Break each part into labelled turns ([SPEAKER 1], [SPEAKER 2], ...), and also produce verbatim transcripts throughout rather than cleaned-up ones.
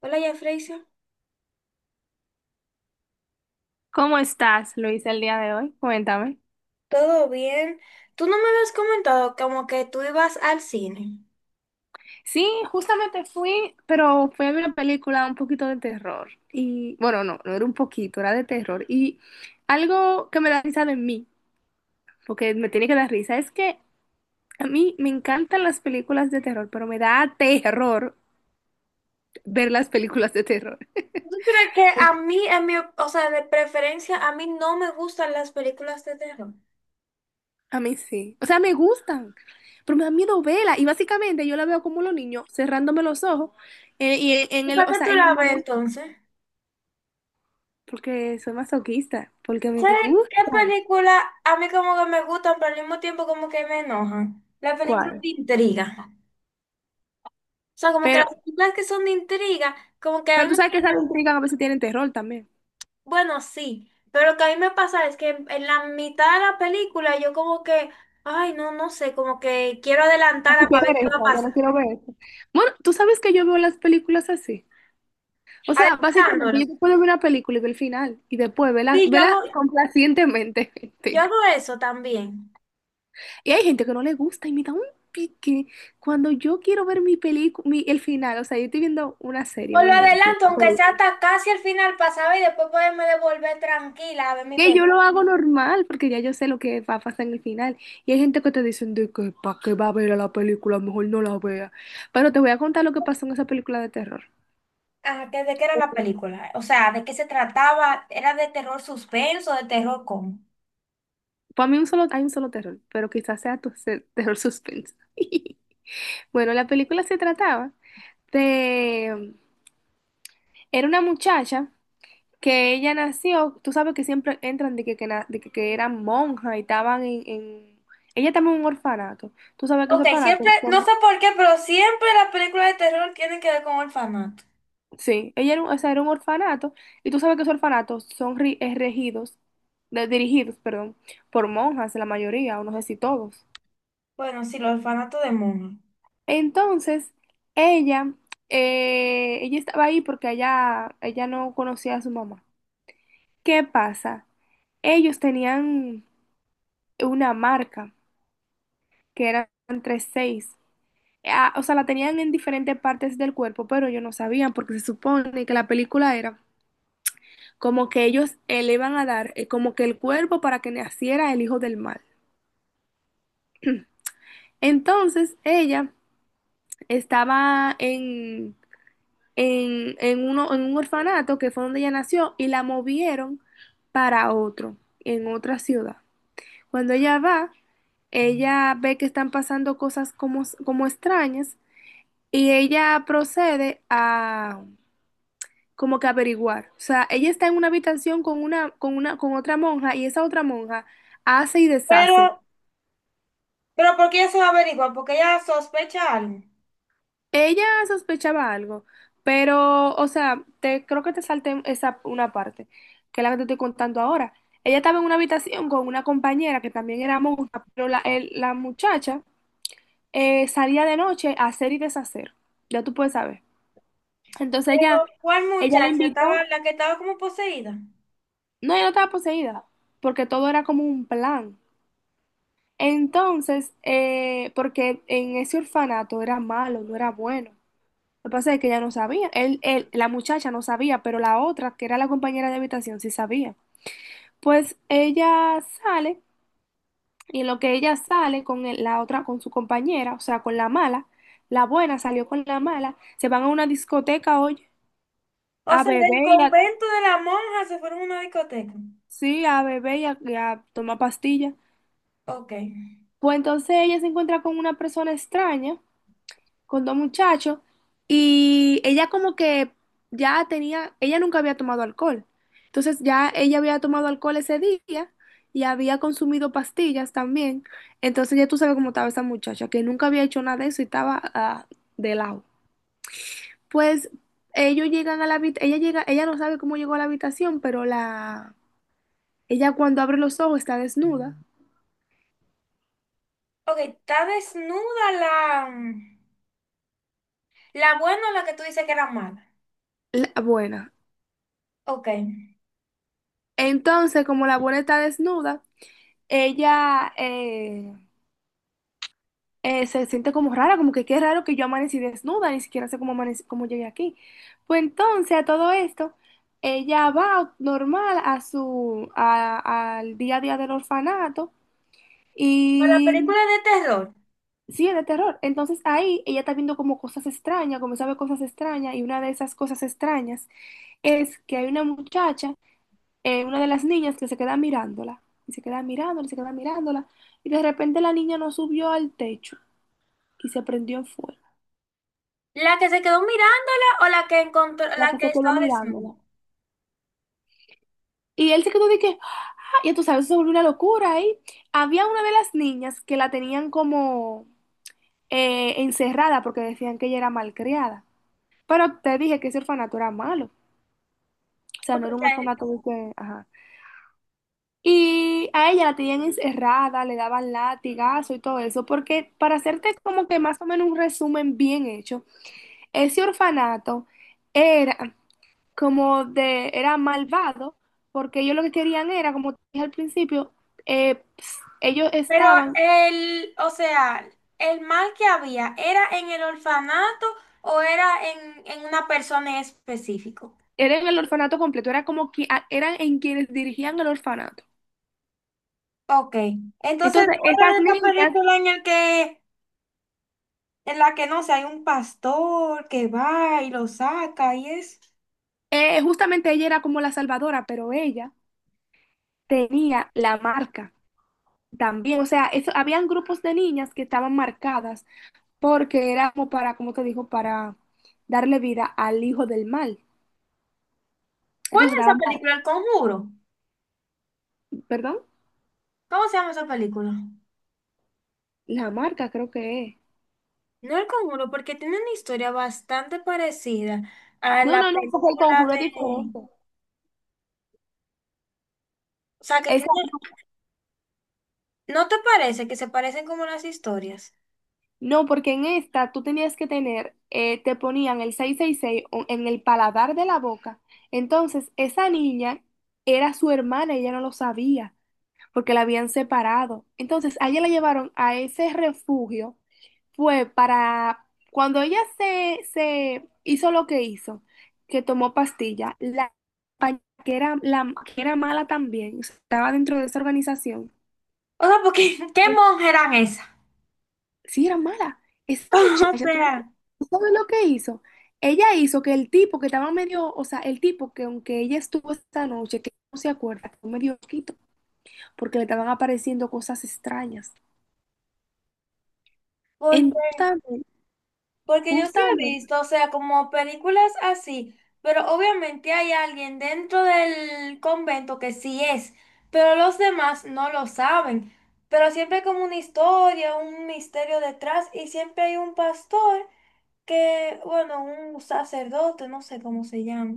[SPEAKER 1] Hola, ya Freysia.
[SPEAKER 2] ¿Cómo estás, Luisa, el día de hoy? Cuéntame.
[SPEAKER 1] ¿Todo bien? Tú no me habías comentado como que tú ibas al cine.
[SPEAKER 2] Sí, justamente fui, pero fui a ver una película un poquito de terror. Y bueno, no, no era un poquito, era de terror. Y algo que me da risa de mí, porque me tiene que dar risa, es que a mí me encantan las películas de terror, pero me da terror ver las películas de terror.
[SPEAKER 1] Pero que a mí, en mi, o sea, de preferencia, a mí no me gustan las películas de terror.
[SPEAKER 2] A mí sí. O sea, me gustan, pero me da miedo verla. Y básicamente yo la veo como los niños cerrándome los ojos. Eh, y en
[SPEAKER 1] ¿Y
[SPEAKER 2] el,
[SPEAKER 1] para
[SPEAKER 2] o
[SPEAKER 1] qué
[SPEAKER 2] sea,
[SPEAKER 1] tú
[SPEAKER 2] en el
[SPEAKER 1] la ves
[SPEAKER 2] momento.
[SPEAKER 1] entonces?
[SPEAKER 2] Porque soy masoquista, porque me
[SPEAKER 1] ¿Sabes qué
[SPEAKER 2] gusta.
[SPEAKER 1] película a mí como que me gustan, pero al mismo tiempo como que me enojan? La película
[SPEAKER 2] ¿Cuál?
[SPEAKER 1] de intriga. O sea, como que
[SPEAKER 2] Pero,
[SPEAKER 1] las películas que son de intriga, como que a
[SPEAKER 2] pero
[SPEAKER 1] mí
[SPEAKER 2] tú
[SPEAKER 1] me...
[SPEAKER 2] sabes que esas intrigas a veces tienen terror también.
[SPEAKER 1] Bueno, sí, pero lo que a mí me pasa es que en, en la mitad de la película yo como que, ay, no, no sé, como que quiero
[SPEAKER 2] Ah, no
[SPEAKER 1] adelantarla para
[SPEAKER 2] quiero
[SPEAKER 1] ver
[SPEAKER 2] ver
[SPEAKER 1] qué
[SPEAKER 2] eso,
[SPEAKER 1] va a
[SPEAKER 2] yo
[SPEAKER 1] pasar.
[SPEAKER 2] no quiero ver eso. Bueno, tú sabes que yo veo las películas así. O sea, básicamente
[SPEAKER 1] Adelantándola.
[SPEAKER 2] yo te puedo ver una película y ver el final y después vela,
[SPEAKER 1] Sí, yo
[SPEAKER 2] vela
[SPEAKER 1] hago,
[SPEAKER 2] complacientemente.
[SPEAKER 1] yo
[SPEAKER 2] Mentira.
[SPEAKER 1] hago eso también.
[SPEAKER 2] Y hay gente que no le gusta y me da un pique cuando yo quiero ver mi película, el final. O sea, yo estoy viendo una
[SPEAKER 1] O
[SPEAKER 2] serie, un
[SPEAKER 1] lo
[SPEAKER 2] ejemplo.
[SPEAKER 1] adelanto, aunque sea hasta casi al final pasaba y después poderme devolver tranquila a ver mi
[SPEAKER 2] Que yo
[SPEAKER 1] película.
[SPEAKER 2] lo hago normal, porque ya yo sé lo que va a pasar en el final. Y hay gente que te dicen de que para qué va a ver a la película, mejor no la vea. Pero te voy a contar lo que pasó en esa película de terror.
[SPEAKER 1] Ah, ¿que- ¿de qué era la película? O sea, ¿de qué se trataba? ¿Era de terror suspenso, de terror cómo?
[SPEAKER 2] Para mí un solo, hay un solo terror, pero quizás sea tu se- terror suspenso. Bueno, la película se trataba de... Era una muchacha que ella nació, tú sabes que siempre entran de que, que, na- de que, que eran monjas y estaban en, en- ella estaba en un orfanato. Tú sabes que es
[SPEAKER 1] Ok,
[SPEAKER 2] orfanato.
[SPEAKER 1] siempre, no sé por qué, pero siempre las películas de terror tienen que ver con orfanato.
[SPEAKER 2] Sí, ella era un, o sea, era un orfanato y tú sabes que esos orfanatos son ri- eh, regidos, de- dirigidos, perdón, por monjas, la mayoría, o no sé si todos.
[SPEAKER 1] Bueno, sí, los orfanatos de monjas.
[SPEAKER 2] Entonces, ella, eh, ella estaba ahí porque ella, ella no conocía a su mamá. ¿Qué pasa? Ellos tenían una marca que eran tres seis. Ah, o sea, la tenían en diferentes partes del cuerpo, pero ellos no sabían porque se supone que la película era como que ellos eh, le iban a dar eh, como que el cuerpo para que naciera el hijo del mal. Entonces ella estaba en, en, en uno, en un orfanato que fue donde ella nació y la movieron para otro, en otra ciudad. Cuando ella va, ella ve que están pasando cosas como, como extrañas y ella procede a como que averiguar. O sea, ella está en una habitación con una, con una, con otra monja y esa otra monja hace y
[SPEAKER 1] Pero,
[SPEAKER 2] deshace.
[SPEAKER 1] pero ¿por qué ella se va a averiguar? Porque ella sospecha algo.
[SPEAKER 2] Ella sospechaba algo, pero, o sea, te, creo que te salté esa una parte, que es la que te estoy contando ahora. Ella estaba en una habitación con una compañera que también era monja, pero la, el- la muchacha eh, salía de noche a hacer y deshacer. Ya tú puedes saber. Entonces ella,
[SPEAKER 1] Pero, ¿cuál
[SPEAKER 2] ella le
[SPEAKER 1] muchacha estaba,
[SPEAKER 2] invitó.
[SPEAKER 1] la que estaba como poseída?
[SPEAKER 2] No, ella no estaba poseída, porque todo era como un plan. Entonces, eh, porque en ese orfanato era malo, no era bueno. Lo que pasa es que ella no sabía. Él, él, la muchacha no sabía, pero la otra, que era la compañera de habitación, sí sabía. Pues ella sale, y en lo que ella sale con el- la otra, con su compañera, o sea, con la mala, la buena salió con la mala, se van a una discoteca, oye,
[SPEAKER 1] O
[SPEAKER 2] a
[SPEAKER 1] sea, del
[SPEAKER 2] beber y a,
[SPEAKER 1] convento de la monja se fueron a una discoteca.
[SPEAKER 2] sí, a beber y a, y a tomar pastillas.
[SPEAKER 1] Ok.
[SPEAKER 2] Pues entonces ella se encuentra con una persona extraña con dos muchachos y ella como que ya tenía, ella nunca había tomado alcohol. Entonces ya ella había tomado alcohol ese día y había consumido pastillas también. Entonces ya tú sabes cómo estaba esa muchacha, que nunca había hecho nada de eso y estaba ah, de lado. Pues ellos llegan a la habitación, ella llega, ella no sabe cómo llegó a la habitación, pero la ella cuando abre los ojos está desnuda.
[SPEAKER 1] Ok, está desnuda la, la buena o la que tú dices que era mala.
[SPEAKER 2] La buena.
[SPEAKER 1] Ok.
[SPEAKER 2] Entonces, como la buena está desnuda, ella, eh, eh, se siente como rara, como que qué raro que yo amanecí desnuda, ni siquiera sé cómo, amanec- cómo llegué aquí. Pues entonces a todo esto, ella va normal a su, a- al día a día del orfanato
[SPEAKER 1] Para
[SPEAKER 2] y
[SPEAKER 1] películas de terror,
[SPEAKER 2] sí, es de terror. Entonces ahí ella está viendo como cosas extrañas, como sabe cosas extrañas y una de esas cosas extrañas es que hay una muchacha, eh, una de las niñas que se queda mirándola. Y se queda mirándola, y se queda mirándola. Y de repente la niña no subió al techo y se prendió en fuego.
[SPEAKER 1] ¿la que se quedó mirándola o la que encontró,
[SPEAKER 2] La que
[SPEAKER 1] la que
[SPEAKER 2] se quedó
[SPEAKER 1] estaba desnuda?
[SPEAKER 2] mirándola. Y él se quedó de que, ¡ah! Ya tú sabes, eso se volvió una locura ahí. Había una de las niñas que la tenían como eh, encerrada porque decían que ella era malcriada. Pero te dije que ese orfanato era malo. O sea,
[SPEAKER 1] Ok,
[SPEAKER 2] no era
[SPEAKER 1] o
[SPEAKER 2] un
[SPEAKER 1] sea,
[SPEAKER 2] orfanato de que, ajá. Y a ella la tenían encerrada, le daban latigazo y todo eso, porque para hacerte como que más o menos un resumen bien hecho, ese orfanato era, como de, era malvado, porque ellos lo que querían era, como te dije al principio, eh, ps, ellos
[SPEAKER 1] Pero
[SPEAKER 2] estaban,
[SPEAKER 1] el, o sea, el mal que había, ¿era en el orfanato o era en, en una persona en específico?
[SPEAKER 2] eran el orfanato completo, era como que a- eran en quienes dirigían el orfanato.
[SPEAKER 1] Ok, entonces
[SPEAKER 2] Entonces,
[SPEAKER 1] no era
[SPEAKER 2] esas
[SPEAKER 1] de esta
[SPEAKER 2] niñas,
[SPEAKER 1] película en el que, en la que no sé, hay un pastor que va y lo saca y es.
[SPEAKER 2] eh, justamente ella era como la salvadora, pero ella tenía la marca también. O sea, eso, habían grupos de niñas que estaban marcadas porque era como para, como te digo, para darle vida al hijo del mal.
[SPEAKER 1] ¿Cuál
[SPEAKER 2] Entonces
[SPEAKER 1] es
[SPEAKER 2] estaban,
[SPEAKER 1] esa
[SPEAKER 2] mar-
[SPEAKER 1] película? El Conjuro.
[SPEAKER 2] perdón,
[SPEAKER 1] ¿Cómo se llama esa película?
[SPEAKER 2] la marca creo que es.
[SPEAKER 1] No el Conjuro, porque tiene una historia bastante parecida a
[SPEAKER 2] No, no,
[SPEAKER 1] la
[SPEAKER 2] no, porque el
[SPEAKER 1] película
[SPEAKER 2] conjuro es
[SPEAKER 1] de,
[SPEAKER 2] diferente.
[SPEAKER 1] o sea, que
[SPEAKER 2] Esa-
[SPEAKER 1] tiene,
[SPEAKER 2] no,
[SPEAKER 1] ¿no te parece que se parecen como las historias?
[SPEAKER 2] no, porque en esta tú tenías que tener, eh, te ponían el seiscientos sesenta y seis, o- en el paladar de la boca. Entonces, esa niña era su hermana, ella no lo sabía, porque la habían separado. Entonces, a ella la llevaron a ese refugio, fue para, cuando ella se, se hizo lo que hizo, que tomó pastilla, la compañera que era, la, que era mala también, estaba dentro de esa organización.
[SPEAKER 1] O sea, porque, ¿qué monjas eran esas?
[SPEAKER 2] Sí, era mala. Esa
[SPEAKER 1] O
[SPEAKER 2] muchacha, ¿tú sabes
[SPEAKER 1] sea,
[SPEAKER 2] ¿tú sabes lo que hizo? Ella hizo que el tipo que estaba medio, o sea, el tipo que aunque ella estuvo esta noche, que no se acuerda, fue medio loquito, porque le estaban apareciendo cosas extrañas.
[SPEAKER 1] porque,
[SPEAKER 2] Entonces,
[SPEAKER 1] porque yo sí he
[SPEAKER 2] justamente,
[SPEAKER 1] visto, o sea, como películas así, pero obviamente hay alguien dentro del convento que sí es, pero los demás no lo saben. Pero siempre hay como una historia, un misterio detrás y siempre hay un pastor que, bueno, un sacerdote, no sé cómo se llama,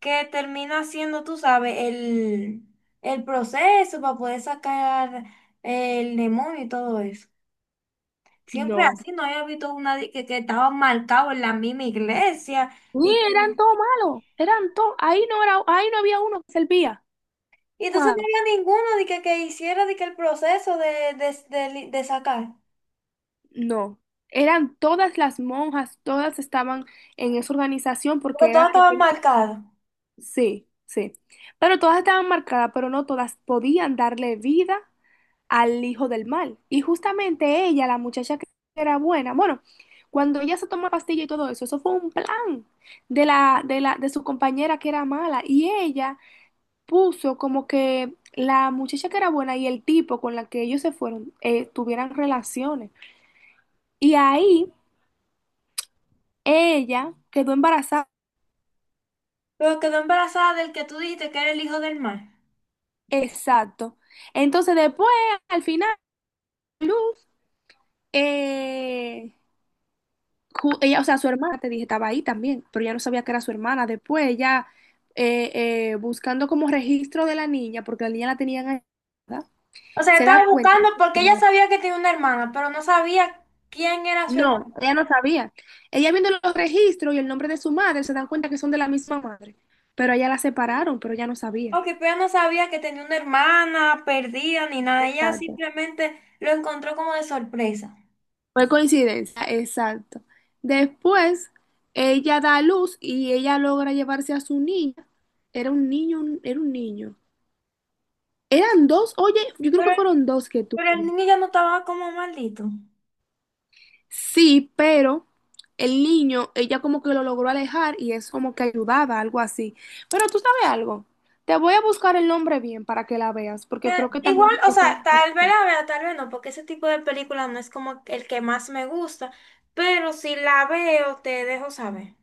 [SPEAKER 1] que termina haciendo, tú sabes, el, el proceso para poder sacar el demonio y todo eso. Siempre
[SPEAKER 2] no.
[SPEAKER 1] así, no había visto una de que, que estaba marcado en la misma iglesia
[SPEAKER 2] Sí,
[SPEAKER 1] y que...
[SPEAKER 2] eran todos malos, eran todos, ahí no era, ahí no había uno que servía.
[SPEAKER 1] Y entonces
[SPEAKER 2] Malo.
[SPEAKER 1] no había ninguno de que, que hiciera de que el proceso de, de, de li- de sacar,
[SPEAKER 2] No, eran todas las monjas, todas estaban en esa organización
[SPEAKER 1] porque
[SPEAKER 2] porque
[SPEAKER 1] todas
[SPEAKER 2] era que
[SPEAKER 1] estaban marcadas.
[SPEAKER 2] sí, sí. Pero todas estaban marcadas, pero no todas podían darle vida al hijo del mal. Y justamente ella, la muchacha que era buena, bueno, cuando ella se tomó la pastilla y todo eso, eso fue un plan de la, de la, de su compañera que era mala. Y ella puso como que la muchacha que era buena y el tipo con la que ellos se fueron eh, tuvieran relaciones. Y ahí ella quedó embarazada.
[SPEAKER 1] Pero quedó embarazada del que tú dijiste que era el hijo del mar.
[SPEAKER 2] Exacto. Entonces después, al final, Luz, eh, ju- ella, o sea, su hermana, te dije, estaba ahí también, pero ella no sabía que era su hermana. Después ella, eh, eh, buscando como registro de la niña, porque la niña la tenían ahí, ¿verdad?
[SPEAKER 1] O sea,
[SPEAKER 2] Se da
[SPEAKER 1] estaba
[SPEAKER 2] cuenta
[SPEAKER 1] buscando
[SPEAKER 2] que es su
[SPEAKER 1] porque ella
[SPEAKER 2] madre.
[SPEAKER 1] sabía que tenía una hermana, pero no sabía quién era su hermana.
[SPEAKER 2] No, ella no sabía. Ella viendo los registros y el nombre de su madre, se dan cuenta que son de la misma madre, pero a ella la separaron, pero ella no sabía.
[SPEAKER 1] Ok, pero ella no sabía que tenía una hermana perdida ni nada. Ella
[SPEAKER 2] Exacto.
[SPEAKER 1] simplemente lo encontró como de sorpresa.
[SPEAKER 2] Fue coincidencia, exacto. Después, ella da a luz y ella logra llevarse a su niña. Era un niño, un- era un niño. Eran dos, oye, yo creo que
[SPEAKER 1] Pero,
[SPEAKER 2] fueron dos que
[SPEAKER 1] pero el
[SPEAKER 2] tuvo.
[SPEAKER 1] niño ya no estaba como maldito.
[SPEAKER 2] Sí, pero el niño, ella como que lo logró alejar y es como que ayudaba, algo así. Pero tú sabes algo, te voy a buscar el nombre bien para que la veas, porque
[SPEAKER 1] Pero
[SPEAKER 2] creo que también
[SPEAKER 1] igual, o
[SPEAKER 2] está,
[SPEAKER 1] sea, tal vez la vea, tal vez no, porque ese tipo de película no es como el que más me gusta. Pero si la veo, te dejo saber,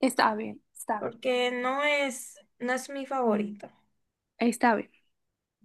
[SPEAKER 2] está bien, está,
[SPEAKER 1] porque no es, no es mi favorito.
[SPEAKER 2] está bien.